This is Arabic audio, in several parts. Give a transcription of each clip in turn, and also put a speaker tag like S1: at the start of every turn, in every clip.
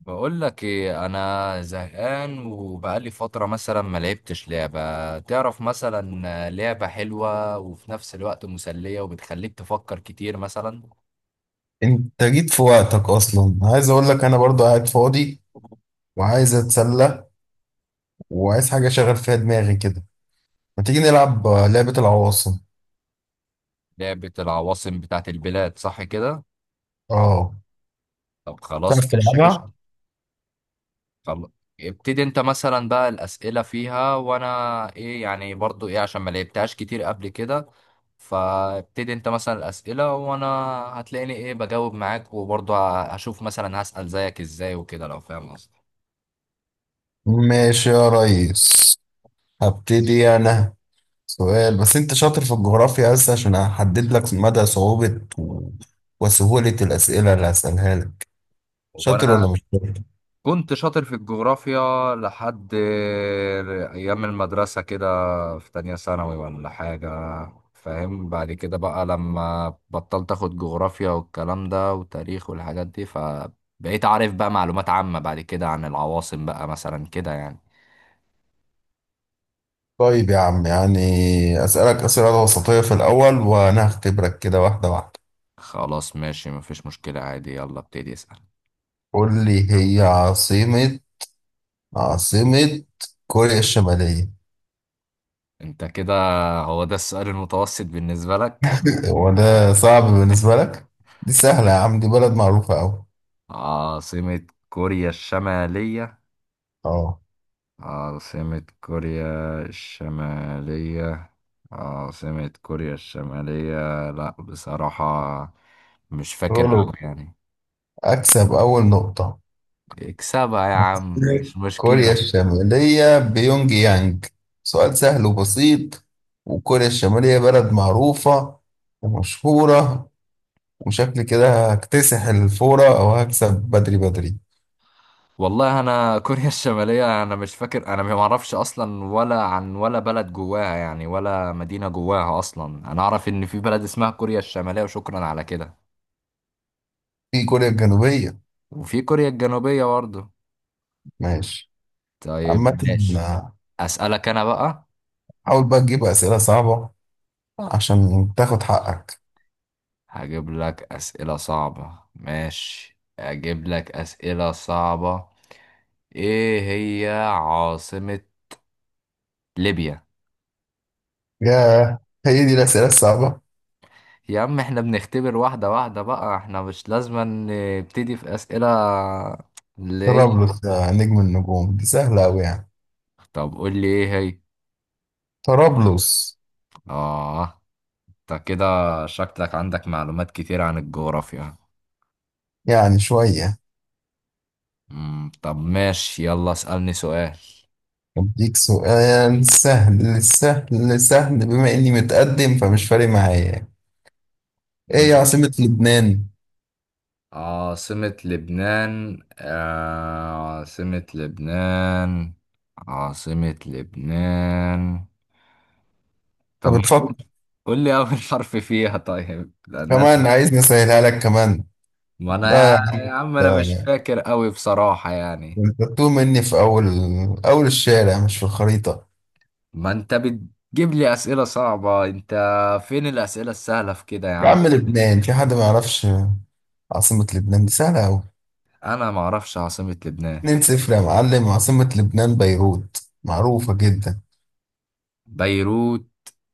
S1: بقول لك ايه، انا زهقان وبقالي فتره مثلا ما لعبتش لعبه. تعرف مثلا لعبه حلوه وفي نفس الوقت مسليه وبتخليك تفكر كتير مثلا.
S2: انت جيت في وقتك اصلا. عايز اقول لك انا برضو قاعد فاضي وعايز اتسلى وعايز حاجه اشغل فيها دماغي كده. ما تيجي نلعب لعبه العواصم.
S1: لعبه العواصم بتاعت البلاد صح كده؟
S2: اه،
S1: طب
S2: تعرف
S1: خلاص ماشي قشطة.
S2: تلعبها؟
S1: خل- ابتدي انت مثلا بقى الاسئله فيها وانا ايه يعني، برضو ايه عشان ما لعبتهاش كتير قبل كده. فابتدي انت مثلا الاسئله وانا هتلاقيني ايه بجاوب معاك، وبرضو هشوف مثلا هسال زيك ازاي وكده لو فاهم قصدي.
S2: ماشي يا ريس، هبتدي انا. سؤال، بس انت شاطر في الجغرافيا؟ بس عشان احدد لك مدى صعوبه وسهوله الاسئله اللي هسالها لك. شاطر
S1: وانا
S2: ولا مش شاطر؟
S1: كنت شاطر في الجغرافيا لحد ايام المدرسه كده، في تانية ثانوي ولا حاجه. فاهم بعد كده بقى لما بطلت اخد جغرافيا والكلام ده وتاريخ والحاجات دي، فبقيت عارف بقى معلومات عامه بعد كده عن العواصم بقى مثلا كده يعني.
S2: طيب يا عم، يعني اسالك اسئله وسطيه في الاول وانا هختبرك كده واحده واحده.
S1: خلاص ماشي مفيش مشكله عادي، يلا ابتدي اسال.
S2: قول لي، هي عاصمة كوريا الشمالية؟
S1: انت كده هو ده السؤال المتوسط بالنسبه لك؟
S2: وده صعب بالنسبة لك؟ دي سهلة يا عم، دي بلد معروفة أوي.
S1: عاصمه كوريا الشماليه.
S2: اه،
S1: عاصمة كوريا الشمالية. عاصمة كوريا الشمالية، لا بصراحة مش فاكر أوي
S2: قولوا،
S1: يعني.
S2: أكسب أول نقطة.
S1: اكسبها يا عم
S2: عاصمة
S1: مش
S2: كوريا
S1: مشكلة.
S2: الشمالية بيونج يانج، سؤال سهل وبسيط، وكوريا الشمالية بلد معروفة ومشهورة. وشكل كده هكتسح الفورة أو هكسب بدري بدري.
S1: والله أنا كوريا الشمالية أنا مش فاكر، أنا ما أعرفش أصلا ولا عن ولا بلد جواها يعني، ولا مدينة جواها أصلا. أنا أعرف إن في بلد اسمها كوريا الشمالية وشكرا على كده.
S2: في كوريا الجنوبية.
S1: وفي كوريا الجنوبية برضه.
S2: ماشي. عامة،
S1: طيب ماشي. أسألك أنا بقى.
S2: حاول بقى تجيب أسئلة صعبة عشان تاخد حقك.
S1: هجيب لك أسئلة صعبة، ماشي هجيب لك أسئلة صعبة. إيه هي عاصمة ليبيا؟
S2: ياه، هي دي الأسئلة الصعبة؟
S1: يا عم احنا بنختبر واحدة واحدة بقى، احنا مش لازم نبتدي في أسئلة اللي هي.
S2: طرابلس يا نجم النجوم، دي سهلة أوي يعني.
S1: طب قول لي إيه هي.
S2: طرابلس.
S1: آه، انت كده شكلك عندك معلومات كتير عن الجغرافيا.
S2: يعني شوية.
S1: طب ماشي يلا اسألني سؤال.
S2: أديك سؤال سهل سهل سهل، بما إني متقدم فمش فارق معايا. إيه يا عاصمة لبنان؟
S1: عاصمة لبنان، آه عاصمة لبنان. عاصمة لبنان. طب
S2: أنت
S1: ما
S2: بتفكر؟
S1: قول لي أول حرف فيها طيب، لأن أنا،
S2: كمان عايزني أسهلها لك كمان؟
S1: ما أنا
S2: لا يا
S1: يا
S2: عم،
S1: عم أنا
S2: ده-
S1: مش
S2: ده
S1: فاكر أوي بصراحة يعني.
S2: أنت بتوه مني في أول أول الشارع مش في الخريطة.
S1: ما أنت بتجيب لي أسئلة صعبة أنت، فين الأسئلة السهلة في كده يا
S2: يا
S1: عم
S2: عم
S1: يعني.
S2: لبنان، في حد ما يعرفش عاصمة لبنان؟ دي سهلة أوي.
S1: أنا ما أعرفش عاصمة لبنان.
S2: 2-0 يا معلم، عاصمة لبنان بيروت، معروفة جدا.
S1: بيروت؟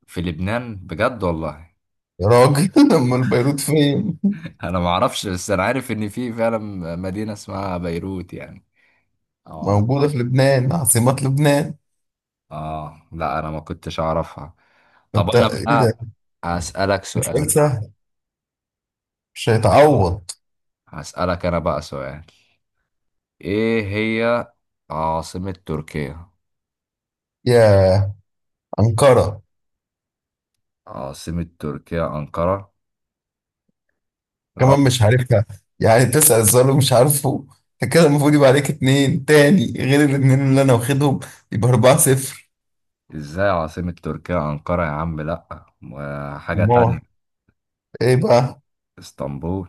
S1: في لبنان بجد والله؟
S2: يا راجل، أمال بيروت فين؟
S1: أنا ما أعرفش، بس أنا عارف إن في فعلا مدينة اسمها بيروت يعني. اه.
S2: موجودة في لبنان، عاصمة لبنان.
S1: اه لا انا ما كنتش اعرفها. طب
S2: أنت
S1: انا
S2: إيه ده؟
S1: بقى هسألك
S2: ده سؤال
S1: سؤال يا عم.
S2: سهل، مش هيتعوض.
S1: هسألك انا بقى سؤال. ايه هي عاصمة تركيا؟
S2: يا أنقرة.
S1: عاصمة تركيا أنقرة؟
S2: كمان
S1: غلط.
S2: مش عارفها؟ يعني تسأل سؤال ومش عارفه؟ أنت كده المفروض يبقى عليك اتنين تاني غير الاتنين اللي أنا واخدهم، يبقى 4-0.
S1: ازاي عاصمة تركيا أنقرة يا عم، لا ما حاجة
S2: الله،
S1: تانية.
S2: إيه بقى؟
S1: اسطنبول.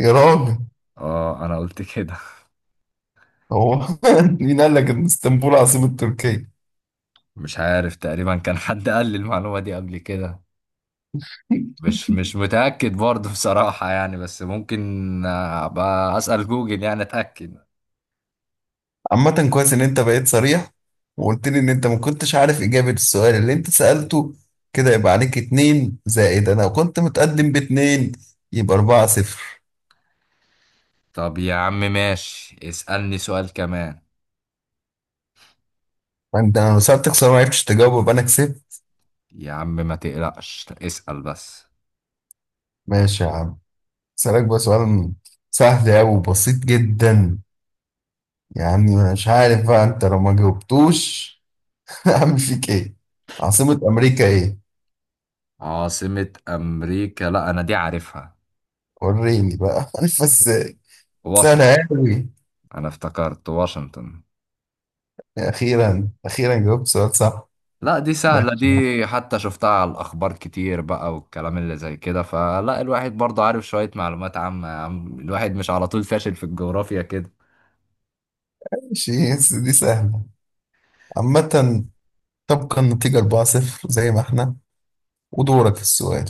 S2: يا راجل،
S1: اه انا قلت كده.
S2: هو مين قال لك إن اسطنبول عاصمة تركيا؟
S1: مش عارف تقريبا كان حد قال لي المعلومة دي قبل كده، مش متأكد برضه بصراحة يعني بس ممكن. ابقى أسأل جوجل يعني أتأكد.
S2: عامة كويس إن أنت بقيت صريح وقلت لي إن أنت ما كنتش عارف إجابة السؤال اللي أنت سألته. كده يبقى عليك اتنين زائد أنا كنت متقدم باتنين، يبقى أربعة صفر.
S1: طب يا عم ماشي، اسألني سؤال كمان.
S2: فأنت، أنا لو سألتك سؤال ما عرفتش تجاوبه يبقى أنا كسبت.
S1: يا عم ما تقلقش اسأل بس.
S2: ماشي يا عم، أسألك بقى سؤال سهل أوي وبسيط جدا. يعني مش عارف بقى أنت لو ما جاوبتوش هعمل فيك إيه. عاصمة أمريكا إيه؟
S1: عاصمة أمريكا؟ لا أنا دي عارفها.
S2: وريني بقى عارف إزاي.
S1: واشنطن.
S2: سهلة أوي.
S1: أنا افتكرت واشنطن.
S2: أخيرا أخيرا جاوبت سؤال صح.
S1: لا دي سهلة دي،
S2: ماشي.
S1: حتى شفتها على الأخبار كتير بقى والكلام اللي زي كده، فلا الواحد برضه عارف شوية معلومات عامة يا عم، الواحد مش على طول فاشل في الجغرافيا كده.
S2: ماشي بس دي سهلة. عامة، تبقى النتيجة 4-0 زي ما احنا، ودورك في السؤال.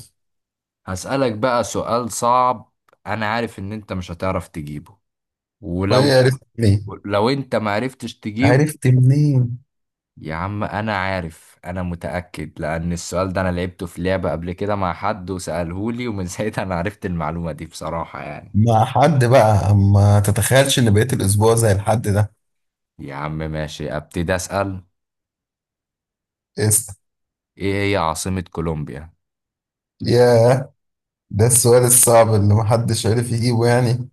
S1: هسألك بقى سؤال صعب، أنا عارف إن أنت مش هتعرف تجيبه.
S2: وهي
S1: ولو،
S2: عرفت منين؟
S1: لو أنت معرفتش تجيبه.
S2: عرفت منين؟
S1: يا عم انا عارف، انا متأكد لان السؤال ده انا لعبته في لعبة قبل كده مع حد وسألهولي، ومن ساعتها انا عرفت المعلومة دي بصراحة يعني.
S2: مع حد بقى؟ ما تتخيلش ان بقيت الاسبوع زي الحد ده.
S1: يا عم ماشي ابتدي اسأل.
S2: اسأل.
S1: ايه هي عاصمة كولومبيا؟
S2: ياه، ده السؤال الصعب اللي محدش عرف يجيبه يعني؟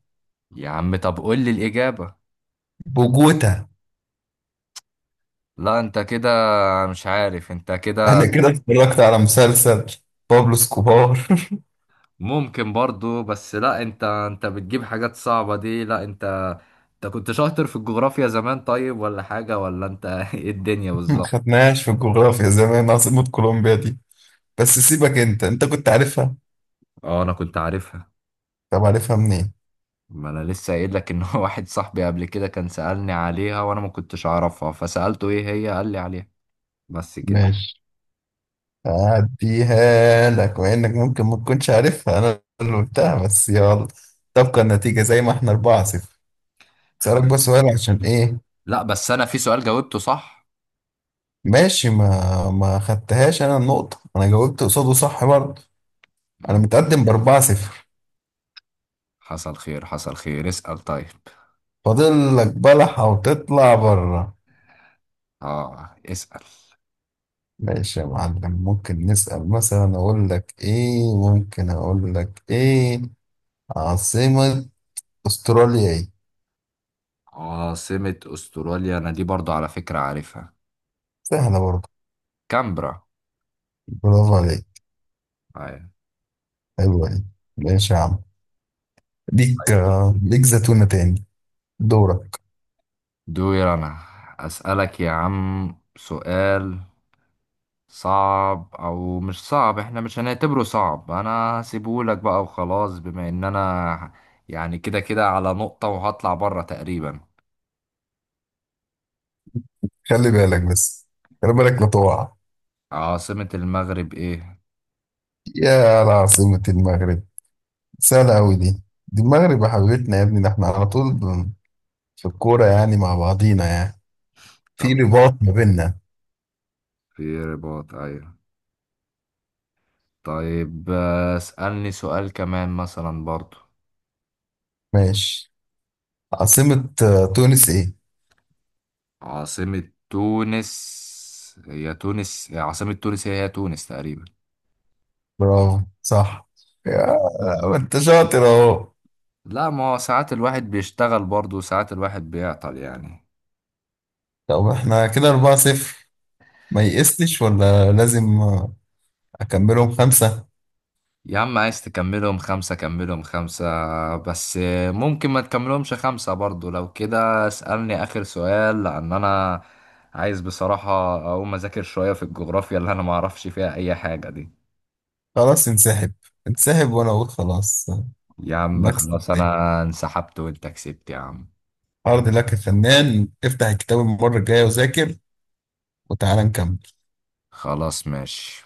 S1: يا عم طب قول لي الإجابة.
S2: بوجوتا.
S1: لا انت كده، مش عارف انت
S2: انا
S1: كده.
S2: كده اتفرجت على مسلسل بابلو سكوبار.
S1: ممكن برضو، بس لا انت، انت بتجيب حاجات صعبة دي، لا انت، انت كنت شاطر في الجغرافيا زمان طيب ولا حاجة، ولا انت ايه الدنيا
S2: ما
S1: بالظبط.
S2: خدناهاش في الجغرافيا زمان عاصمة كولومبيا دي. بس سيبك انت كنت عارفها.
S1: اه انا كنت عارفها.
S2: طب عارفها منين؟
S1: ما انا لسه قايل لك ان هو واحد صاحبي قبل كده كان سألني عليها وانا ما كنتش اعرفها، فسألته ايه هي قال لي عليها. بس كده.
S2: ماشي، هديها لك مع انك ممكن ما تكونش عارفها، انا اللي قلتها بس يلا. تبقى النتيجة زي ما احنا 4 0. اسألك بس
S1: خلاص.
S2: سؤال عشان ايه.
S1: لا بس انا في سؤال جاوبته صح.
S2: ماشي، ما خدتهاش انا النقطة، انا جاوبت قصاده صح برضه. انا
S1: مم.
S2: متقدم ب 4 0.
S1: حصل خير حصل خير، اسأل طيب.
S2: فاضل لك بلحة وتطلع بره.
S1: اه اسأل.
S2: ماشي يا معلم، ممكن نسأل مثلا، اقول لك ايه عاصمة استراليا ايه؟
S1: عاصمة استراليا، انا دي برضو على فكرة عارفها.
S2: سهلة برضه.
S1: كامبرا.
S2: برافو عليك.
S1: أيوة.
S2: حلوة دي. ماشي يا عم، ليك
S1: طيب.
S2: ليك زتونة تاني. دورك.
S1: دور انا. اسألك يا عم سؤال صعب او مش صعب، احنا مش هنعتبره صعب، انا هسيبهولك بقى وخلاص، بما ان انا يعني كده كده على نقطة وهطلع بره تقريبا.
S2: خلي بالك بس، خلي بالك لا تقع.
S1: عاصمة المغرب ايه؟
S2: العاصمة المغرب، سهلة أوي دي المغرب يا حبيبتنا يا ابني، ده احنا على طول في الكورة يعني مع بعضينا يعني، في
S1: طب
S2: رباط ما بيننا.
S1: في رباط، ايوه. طيب اسألني سؤال كمان مثلا برضو.
S2: ماشي. عاصمة تونس ايه؟
S1: عاصمة تونس؟ هي تونس، عاصمة تونس هي، هي تونس تقريبا.
S2: برافو صح. يا ما انت شاطر اهو.
S1: لا ما هو ساعات الواحد بيشتغل برضو، ساعات الواحد بيعطل يعني.
S2: طب احنا كده 4-0، ما يئستش ولا لازم، أكملهم خمسة.
S1: يا عم عايز تكملهم خمسة كملهم خمسة، بس ممكن ما تكملهمش خمسة برضو. لو كده اسألني آخر سؤال، لأن أنا عايز بصراحة أقوم أذاكر شوية في الجغرافيا اللي أنا معرفش فيها أي حاجة دي.
S2: خلاص انسحب، انسحب وانا اقول خلاص.
S1: يا عم
S2: نكسب
S1: خلاص
S2: تاني.
S1: أنا انسحبت وأنت كسبت يا عم.
S2: عرض لك يا فنان، افتح الكتاب المرة الجاية وذاكر، وتعالى نكمل.
S1: خلاص ماشي.